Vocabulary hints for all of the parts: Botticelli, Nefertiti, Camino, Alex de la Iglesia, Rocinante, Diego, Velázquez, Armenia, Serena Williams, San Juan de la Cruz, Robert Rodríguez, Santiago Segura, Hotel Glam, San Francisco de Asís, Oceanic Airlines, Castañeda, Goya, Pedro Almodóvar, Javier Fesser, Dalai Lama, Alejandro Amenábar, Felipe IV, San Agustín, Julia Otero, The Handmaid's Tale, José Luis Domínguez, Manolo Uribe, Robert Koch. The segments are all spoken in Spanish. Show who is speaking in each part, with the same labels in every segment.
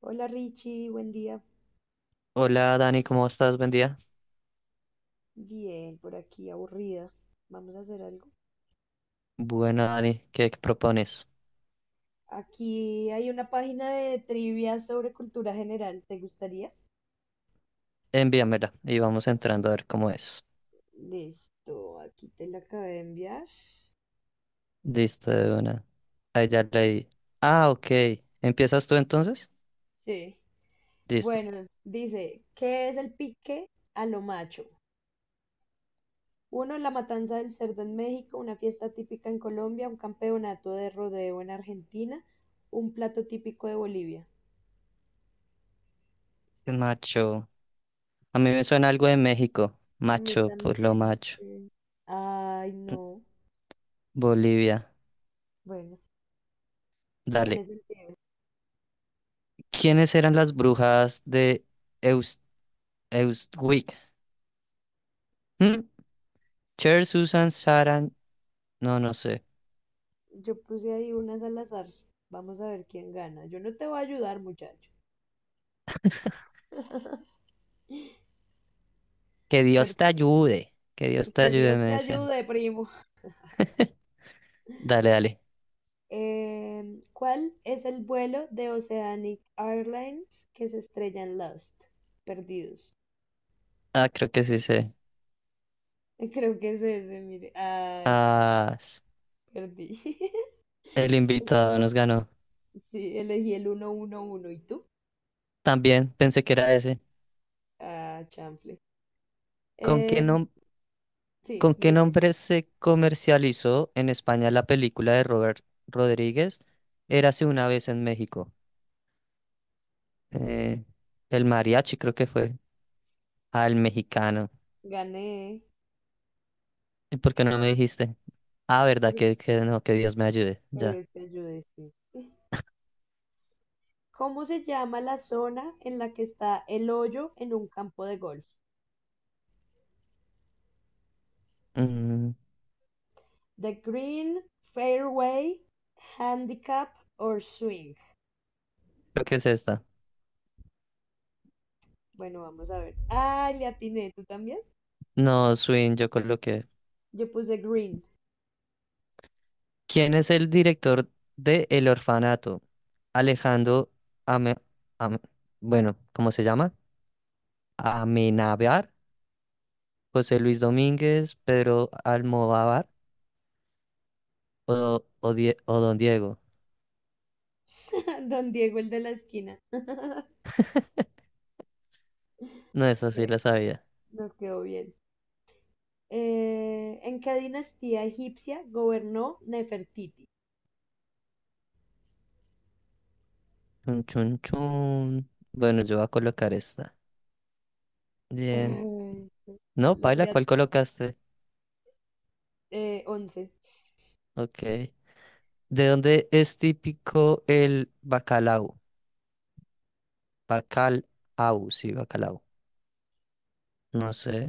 Speaker 1: Hola Richie, buen día.
Speaker 2: Hola Dani, ¿cómo estás? Buen día.
Speaker 1: Bien, por aquí aburrida. Vamos a hacer algo.
Speaker 2: Bueno, Dani, ¿qué propones?
Speaker 1: Aquí hay una página de trivia sobre cultura general. ¿Te gustaría?
Speaker 2: Envíamela y vamos entrando a ver cómo es.
Speaker 1: Listo, aquí te la acabé de enviar.
Speaker 2: Listo, de una. Ahí ya leí. Ah, ok. ¿Empiezas tú entonces?
Speaker 1: Sí.
Speaker 2: Listo.
Speaker 1: Bueno, dice, ¿qué es el pique a lo macho? Uno, la matanza del cerdo en México, una fiesta típica en Colombia, un campeonato de rodeo en Argentina, un plato típico de Bolivia.
Speaker 2: Macho. A mí me suena algo de México.
Speaker 1: A mí
Speaker 2: Macho, por lo
Speaker 1: también,
Speaker 2: macho.
Speaker 1: sí. Ay, no.
Speaker 2: Bolivia.
Speaker 1: Bueno.
Speaker 2: Dale.
Speaker 1: Tiene sentido.
Speaker 2: ¿Quiénes eran las brujas de Eus Eustwick? ¿Mm? Cher, Susan, Saran. No, no sé.
Speaker 1: Yo puse ahí unas al azar. Vamos a ver quién gana. Yo no te voy a ayudar, muchacho.
Speaker 2: Que
Speaker 1: Pero
Speaker 2: Dios te ayude. Que Dios te
Speaker 1: que
Speaker 2: ayude,
Speaker 1: Dios
Speaker 2: me
Speaker 1: te
Speaker 2: decían.
Speaker 1: ayude, primo.
Speaker 2: Dale, dale.
Speaker 1: ¿Cuál es el vuelo de Oceanic Airlines que se estrella en Lost? Perdidos.
Speaker 2: Ah, creo que sí sé.
Speaker 1: Creo que es ese, mire. Ay,
Speaker 2: Ah, s-
Speaker 1: perdí.
Speaker 2: el invitado nos ganó.
Speaker 1: Sí, elegí el 111. ¿Y tú?
Speaker 2: También pensé que era ese.
Speaker 1: Ah, chanfle.
Speaker 2: ¿Con qué
Speaker 1: Eh,
Speaker 2: nom-
Speaker 1: sí,
Speaker 2: ¿Con qué
Speaker 1: dile.
Speaker 2: nombre se comercializó en España la película de Robert Rodríguez? Érase una vez en México. Eh, el mariachi creo que fue. Ah, el mexicano.
Speaker 1: Gané.
Speaker 2: ¿Y por qué no me dijiste? Ah, verdad,
Speaker 1: Que
Speaker 2: que no, que Dios me ayude. Ya.
Speaker 1: Dios te ayude, sí. ¿Cómo se llama la zona en la que está el hoyo en un campo de golf?
Speaker 2: Mm,
Speaker 1: The green, fairway, handicap or swing.
Speaker 2: Creo que es esta.
Speaker 1: Bueno, vamos a ver. Ah, le atiné, ¿tú también?
Speaker 2: No, Swing, yo coloqué.
Speaker 1: Yo puse green.
Speaker 2: ¿Quién es el director de El Orfanato? Alejandro Ame- Ame- bueno, ¿cómo se llama? Amenábar, José Luis Domínguez, Pedro Almodóvar o Don Diego.
Speaker 1: Don Diego, el de la esquina.
Speaker 2: No, esa sí la
Speaker 1: Eh,
Speaker 2: sabía.
Speaker 1: nos quedó bien. ¿En qué dinastía egipcia gobernó Nefertiti?
Speaker 2: Chun, chun, chun. Bueno, yo voy a colocar esta. Bien.
Speaker 1: Ay,
Speaker 2: No,
Speaker 1: la-
Speaker 2: Paila,
Speaker 1: le at-
Speaker 2: ¿cuál colocaste?
Speaker 1: 11.
Speaker 2: Ok. ¿De dónde es típico el bacalao? Bacalao, sí, bacalao. No sé.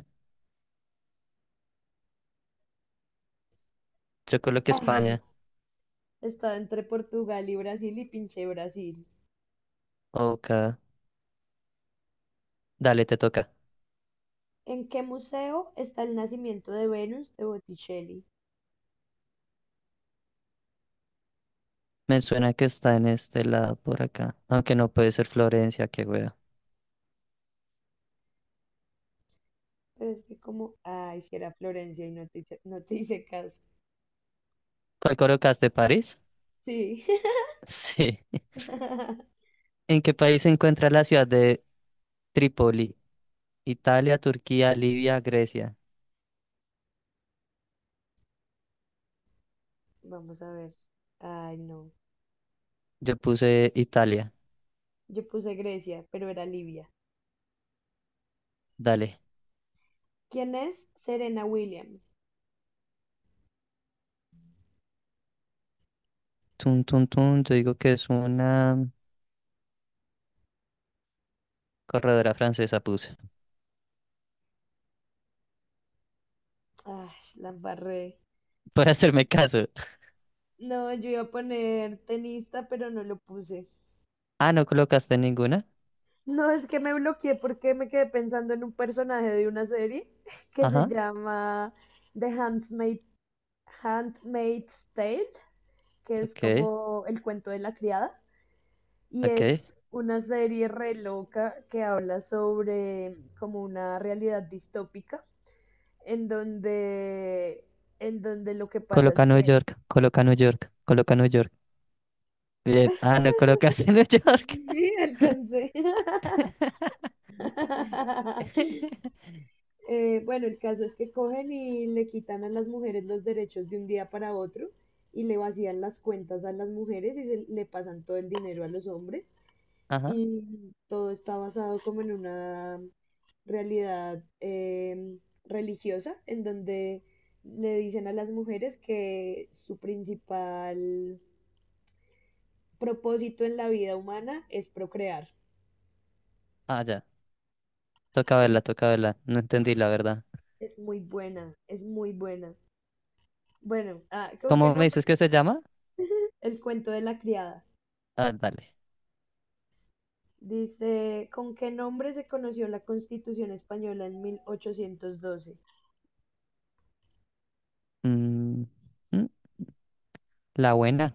Speaker 2: Yo coloqué
Speaker 1: Ay,
Speaker 2: España.
Speaker 1: estaba entre Portugal y Brasil y pinché Brasil.
Speaker 2: Ok. Dale, te toca.
Speaker 1: ¿En qué museo está el nacimiento de Venus de Botticelli?
Speaker 2: Me suena que está en este lado por acá. Aunque no puede ser Florencia, qué wea.
Speaker 1: Pero es que como, ay, si era Florencia y no te, no te hice caso.
Speaker 2: ¿Cuál colocaste? ¿París?
Speaker 1: Sí.
Speaker 2: Sí. ¿En qué país se encuentra la ciudad de Trípoli? Italia, Turquía, Libia, Grecia.
Speaker 1: Vamos a ver. Ay, no.
Speaker 2: Yo puse Italia.
Speaker 1: Yo puse Grecia, pero era Libia.
Speaker 2: Dale.
Speaker 1: ¿Quién es Serena Williams?
Speaker 2: Tun, tun, tun. Yo digo que es una corredora francesa, puse.
Speaker 1: Ay, la embarré.
Speaker 2: Por hacerme caso.
Speaker 1: No, yo iba a poner tenista, pero no lo puse.
Speaker 2: Ah, no colocaste ninguna.
Speaker 1: No, es que me bloqueé porque me quedé pensando en un personaje de una serie que se
Speaker 2: Ajá.
Speaker 1: llama The Handmaid, Handmaid's Tale, que es
Speaker 2: Ok,
Speaker 1: como El cuento de la criada, y
Speaker 2: ok.
Speaker 1: es una serie re loca que habla sobre como una realidad distópica en donde en donde lo que pasa es
Speaker 2: Coloca New
Speaker 1: que
Speaker 2: York, coloca New York, coloca New York. Bien. Ah, no colocaste New York.
Speaker 1: sí, alcancé. Bueno, el caso es que cogen y le quitan a las mujeres los derechos de un día para otro y le vacían las cuentas a las mujeres y le pasan todo el dinero a los hombres,
Speaker 2: Ajá.
Speaker 1: y todo está basado como en una realidad religiosa, en donde le dicen a las mujeres que su principal propósito en la vida humana es procrear.
Speaker 2: Ah, ya. Toca verla,
Speaker 1: En-
Speaker 2: toca verla. No
Speaker 1: Uf,
Speaker 2: entendí la verdad.
Speaker 1: es muy buena, es muy buena. Bueno, ah, ¿con qué
Speaker 2: ¿Cómo me
Speaker 1: nombre?
Speaker 2: dices que se llama?
Speaker 1: El cuento de la criada.
Speaker 2: Ah, dale.
Speaker 1: Dice, ¿con qué nombre se conoció la Constitución Española en 1812?
Speaker 2: Mm, mm, la buena.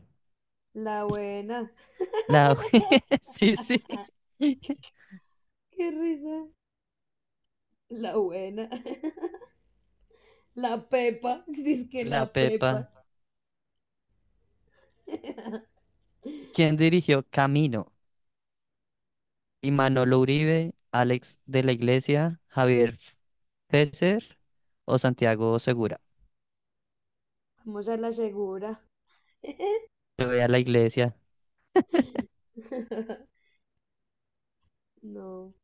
Speaker 1: La buena.
Speaker 2: La bue- Sí, sí.
Speaker 1: Qué risa. La buena. La Pepa, dice que
Speaker 2: La
Speaker 1: la
Speaker 2: Pepa.
Speaker 1: Pepa.
Speaker 2: ¿Quién dirigió Camino? Y Manolo Uribe, Alex de la Iglesia, Javier Fesser o Santiago Segura.
Speaker 1: Vamos a la segura.
Speaker 2: Yo voy a la iglesia.
Speaker 1: No,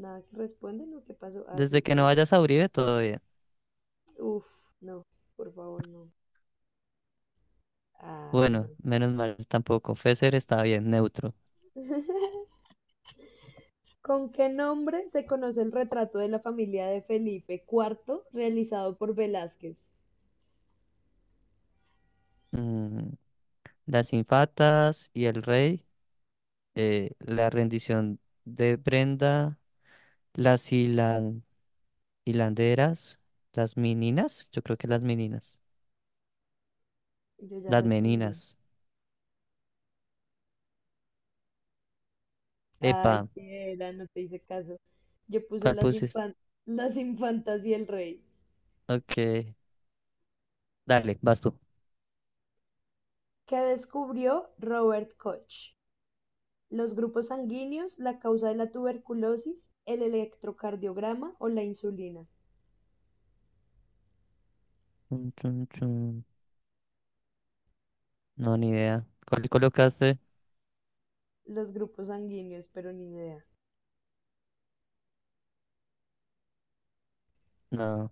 Speaker 1: nada que responden o qué pasó. Ah, sí,
Speaker 2: Desde que no vayas a Uribe, todo bien.
Speaker 1: uf, no, por favor, no. Ay, no.
Speaker 2: Bueno, menos mal tampoco. Fesser está bien, neutro.
Speaker 1: ¿Con qué nombre se conoce el retrato de la familia de Felipe IV realizado por Velázquez?
Speaker 2: Mm, las infatas y el rey. La rendición de Brenda, las hilan- hilanderas, las meninas, yo creo que las meninas,
Speaker 1: Yo ya
Speaker 2: las
Speaker 1: respondí.
Speaker 2: meninas.
Speaker 1: Ay,
Speaker 2: Epa,
Speaker 1: sí, era, no te hice caso. Yo puse
Speaker 2: ¿cuál puse?
Speaker 1: las infantas y el rey.
Speaker 2: Ok, dale, vas tú.
Speaker 1: ¿Qué descubrió Robert Koch? Los grupos sanguíneos, la causa de la tuberculosis, el electrocardiograma o la insulina.
Speaker 2: Chun, chun, chun. No, ni idea. ¿Cuál colocaste?
Speaker 1: Los grupos sanguíneos, pero ni idea.
Speaker 2: No,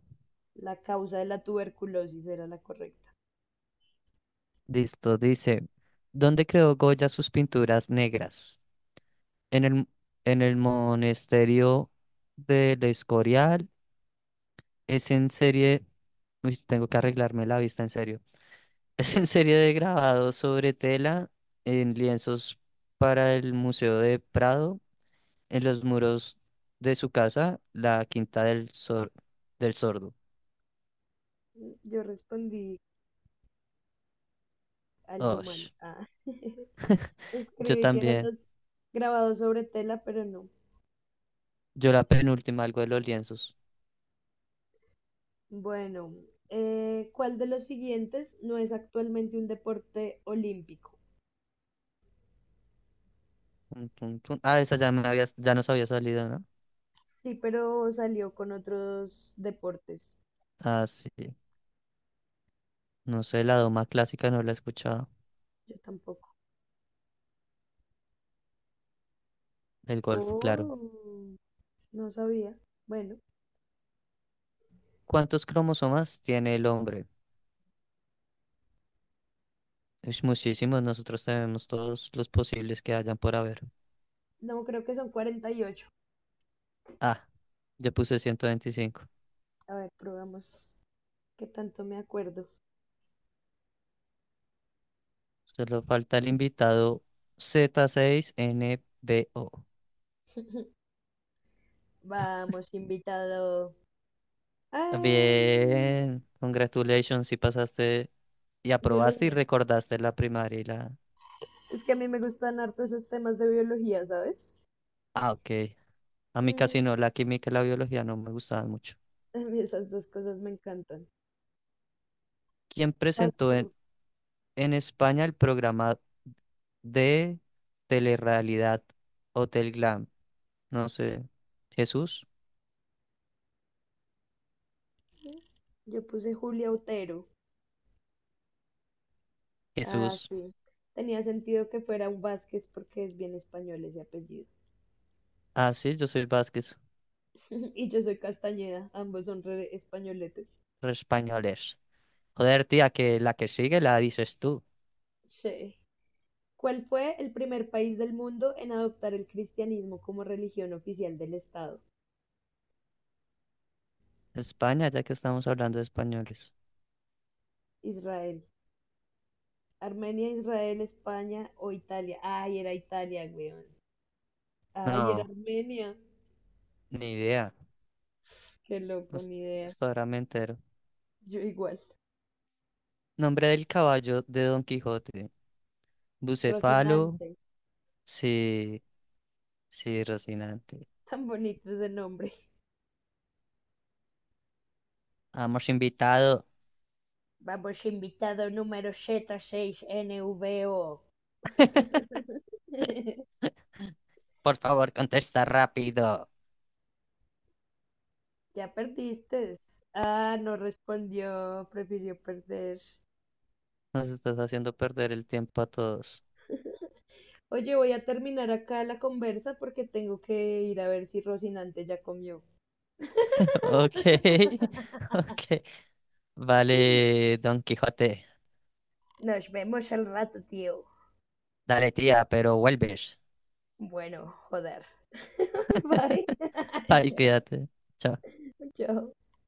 Speaker 1: La causa de la tuberculosis era la correcta.
Speaker 2: listo, dice, ¿dónde creó Goya sus pinturas negras? En el, en el monasterio del Escorial, es en serie... Uy, tengo que arreglarme la vista, en serio. Es en serie de grabado sobre tela en lienzos para el Museo de Prado, en los muros de su casa, la Quinta del, Sor- del Sordo.
Speaker 1: Yo respondí algo mal.
Speaker 2: Osh,
Speaker 1: Ah.
Speaker 2: yo
Speaker 1: Escribí que eran
Speaker 2: también.
Speaker 1: los grabados sobre tela, pero no.
Speaker 2: Yo la penúltima, algo de los lienzos.
Speaker 1: Bueno, ¿cuál de los siguientes no es actualmente un deporte olímpico?
Speaker 2: Tun, tun, tun. Ah, esa ya, ya nos había salido, ¿no?
Speaker 1: Sí, pero salió con otros deportes.
Speaker 2: Ah, sí. No sé, la doma clásica no la he escuchado.
Speaker 1: Yo tampoco.
Speaker 2: El golf, claro.
Speaker 1: Oh, no sabía. Bueno,
Speaker 2: ¿Cuántos cromosomas tiene el hombre? Es muchísimos, nosotros tenemos todos los posibles que hayan por haber.
Speaker 1: no, creo que son 48.
Speaker 2: Ah, ya puse 125.
Speaker 1: A ver, probamos qué tanto me acuerdo.
Speaker 2: Solo falta el invitado Z6NBO.
Speaker 1: Vamos, invitado. ¡Ay!
Speaker 2: Bien, congratulations, si pasaste y aprobaste y
Speaker 1: Biología.
Speaker 2: recordaste la primaria y la...
Speaker 1: Es que a mí me gustan harto esos temas de biología, ¿sabes?
Speaker 2: Ah, ok. A mí
Speaker 1: Mm,
Speaker 2: casi no, la química y la biología no me gustaban mucho.
Speaker 1: a mí esas dos cosas me encantan.
Speaker 2: ¿Quién
Speaker 1: Vas
Speaker 2: presentó
Speaker 1: tú.
Speaker 2: en España el programa de telerrealidad Hotel Glam? No sé. ¿Jesús?
Speaker 1: Yo puse Julia Otero. Ah,
Speaker 2: Jesús.
Speaker 1: sí. Tenía sentido que fuera un Vázquez porque es bien español ese apellido.
Speaker 2: Ah, sí, yo soy Vázquez.
Speaker 1: Y yo soy Castañeda, ambos son re españoletes.
Speaker 2: Re españoles. Joder, tía, que la que sigue la dices tú.
Speaker 1: Sí. ¿Cuál fue el primer país del mundo en adoptar el cristianismo como religión oficial del Estado?
Speaker 2: España, ya que estamos hablando de españoles.
Speaker 1: Israel. Armenia, Israel, España o Italia. Ay, era Italia, weón. Ay, era
Speaker 2: No,
Speaker 1: Armenia.
Speaker 2: ni idea.
Speaker 1: Qué loco,
Speaker 2: Hasta
Speaker 1: ni idea.
Speaker 2: hasta ahora me entero.
Speaker 1: Yo igual.
Speaker 2: Nombre del caballo de Don Quijote. Bucefalo.
Speaker 1: Rocinante.
Speaker 2: Sí, sí, Rocinante.
Speaker 1: Tan bonito ese nombre.
Speaker 2: Hemos invitado.
Speaker 1: Vamos, invitado número Z6NVO.
Speaker 2: Por favor, contesta rápido.
Speaker 1: Ya perdiste. Ah, no respondió. Prefirió perder.
Speaker 2: Nos estás haciendo perder el tiempo a todos.
Speaker 1: Oye, voy a terminar acá la conversa porque tengo que ir a ver si Rocinante ya comió.
Speaker 2: Ok, ok. Vale, Don Quijote.
Speaker 1: Nos vemos al rato, tío.
Speaker 2: Dale, tía, pero vuelves.
Speaker 1: Bueno, joder. Bye.
Speaker 2: Bye,
Speaker 1: Chao,
Speaker 2: cuídate. Chao.
Speaker 1: chao.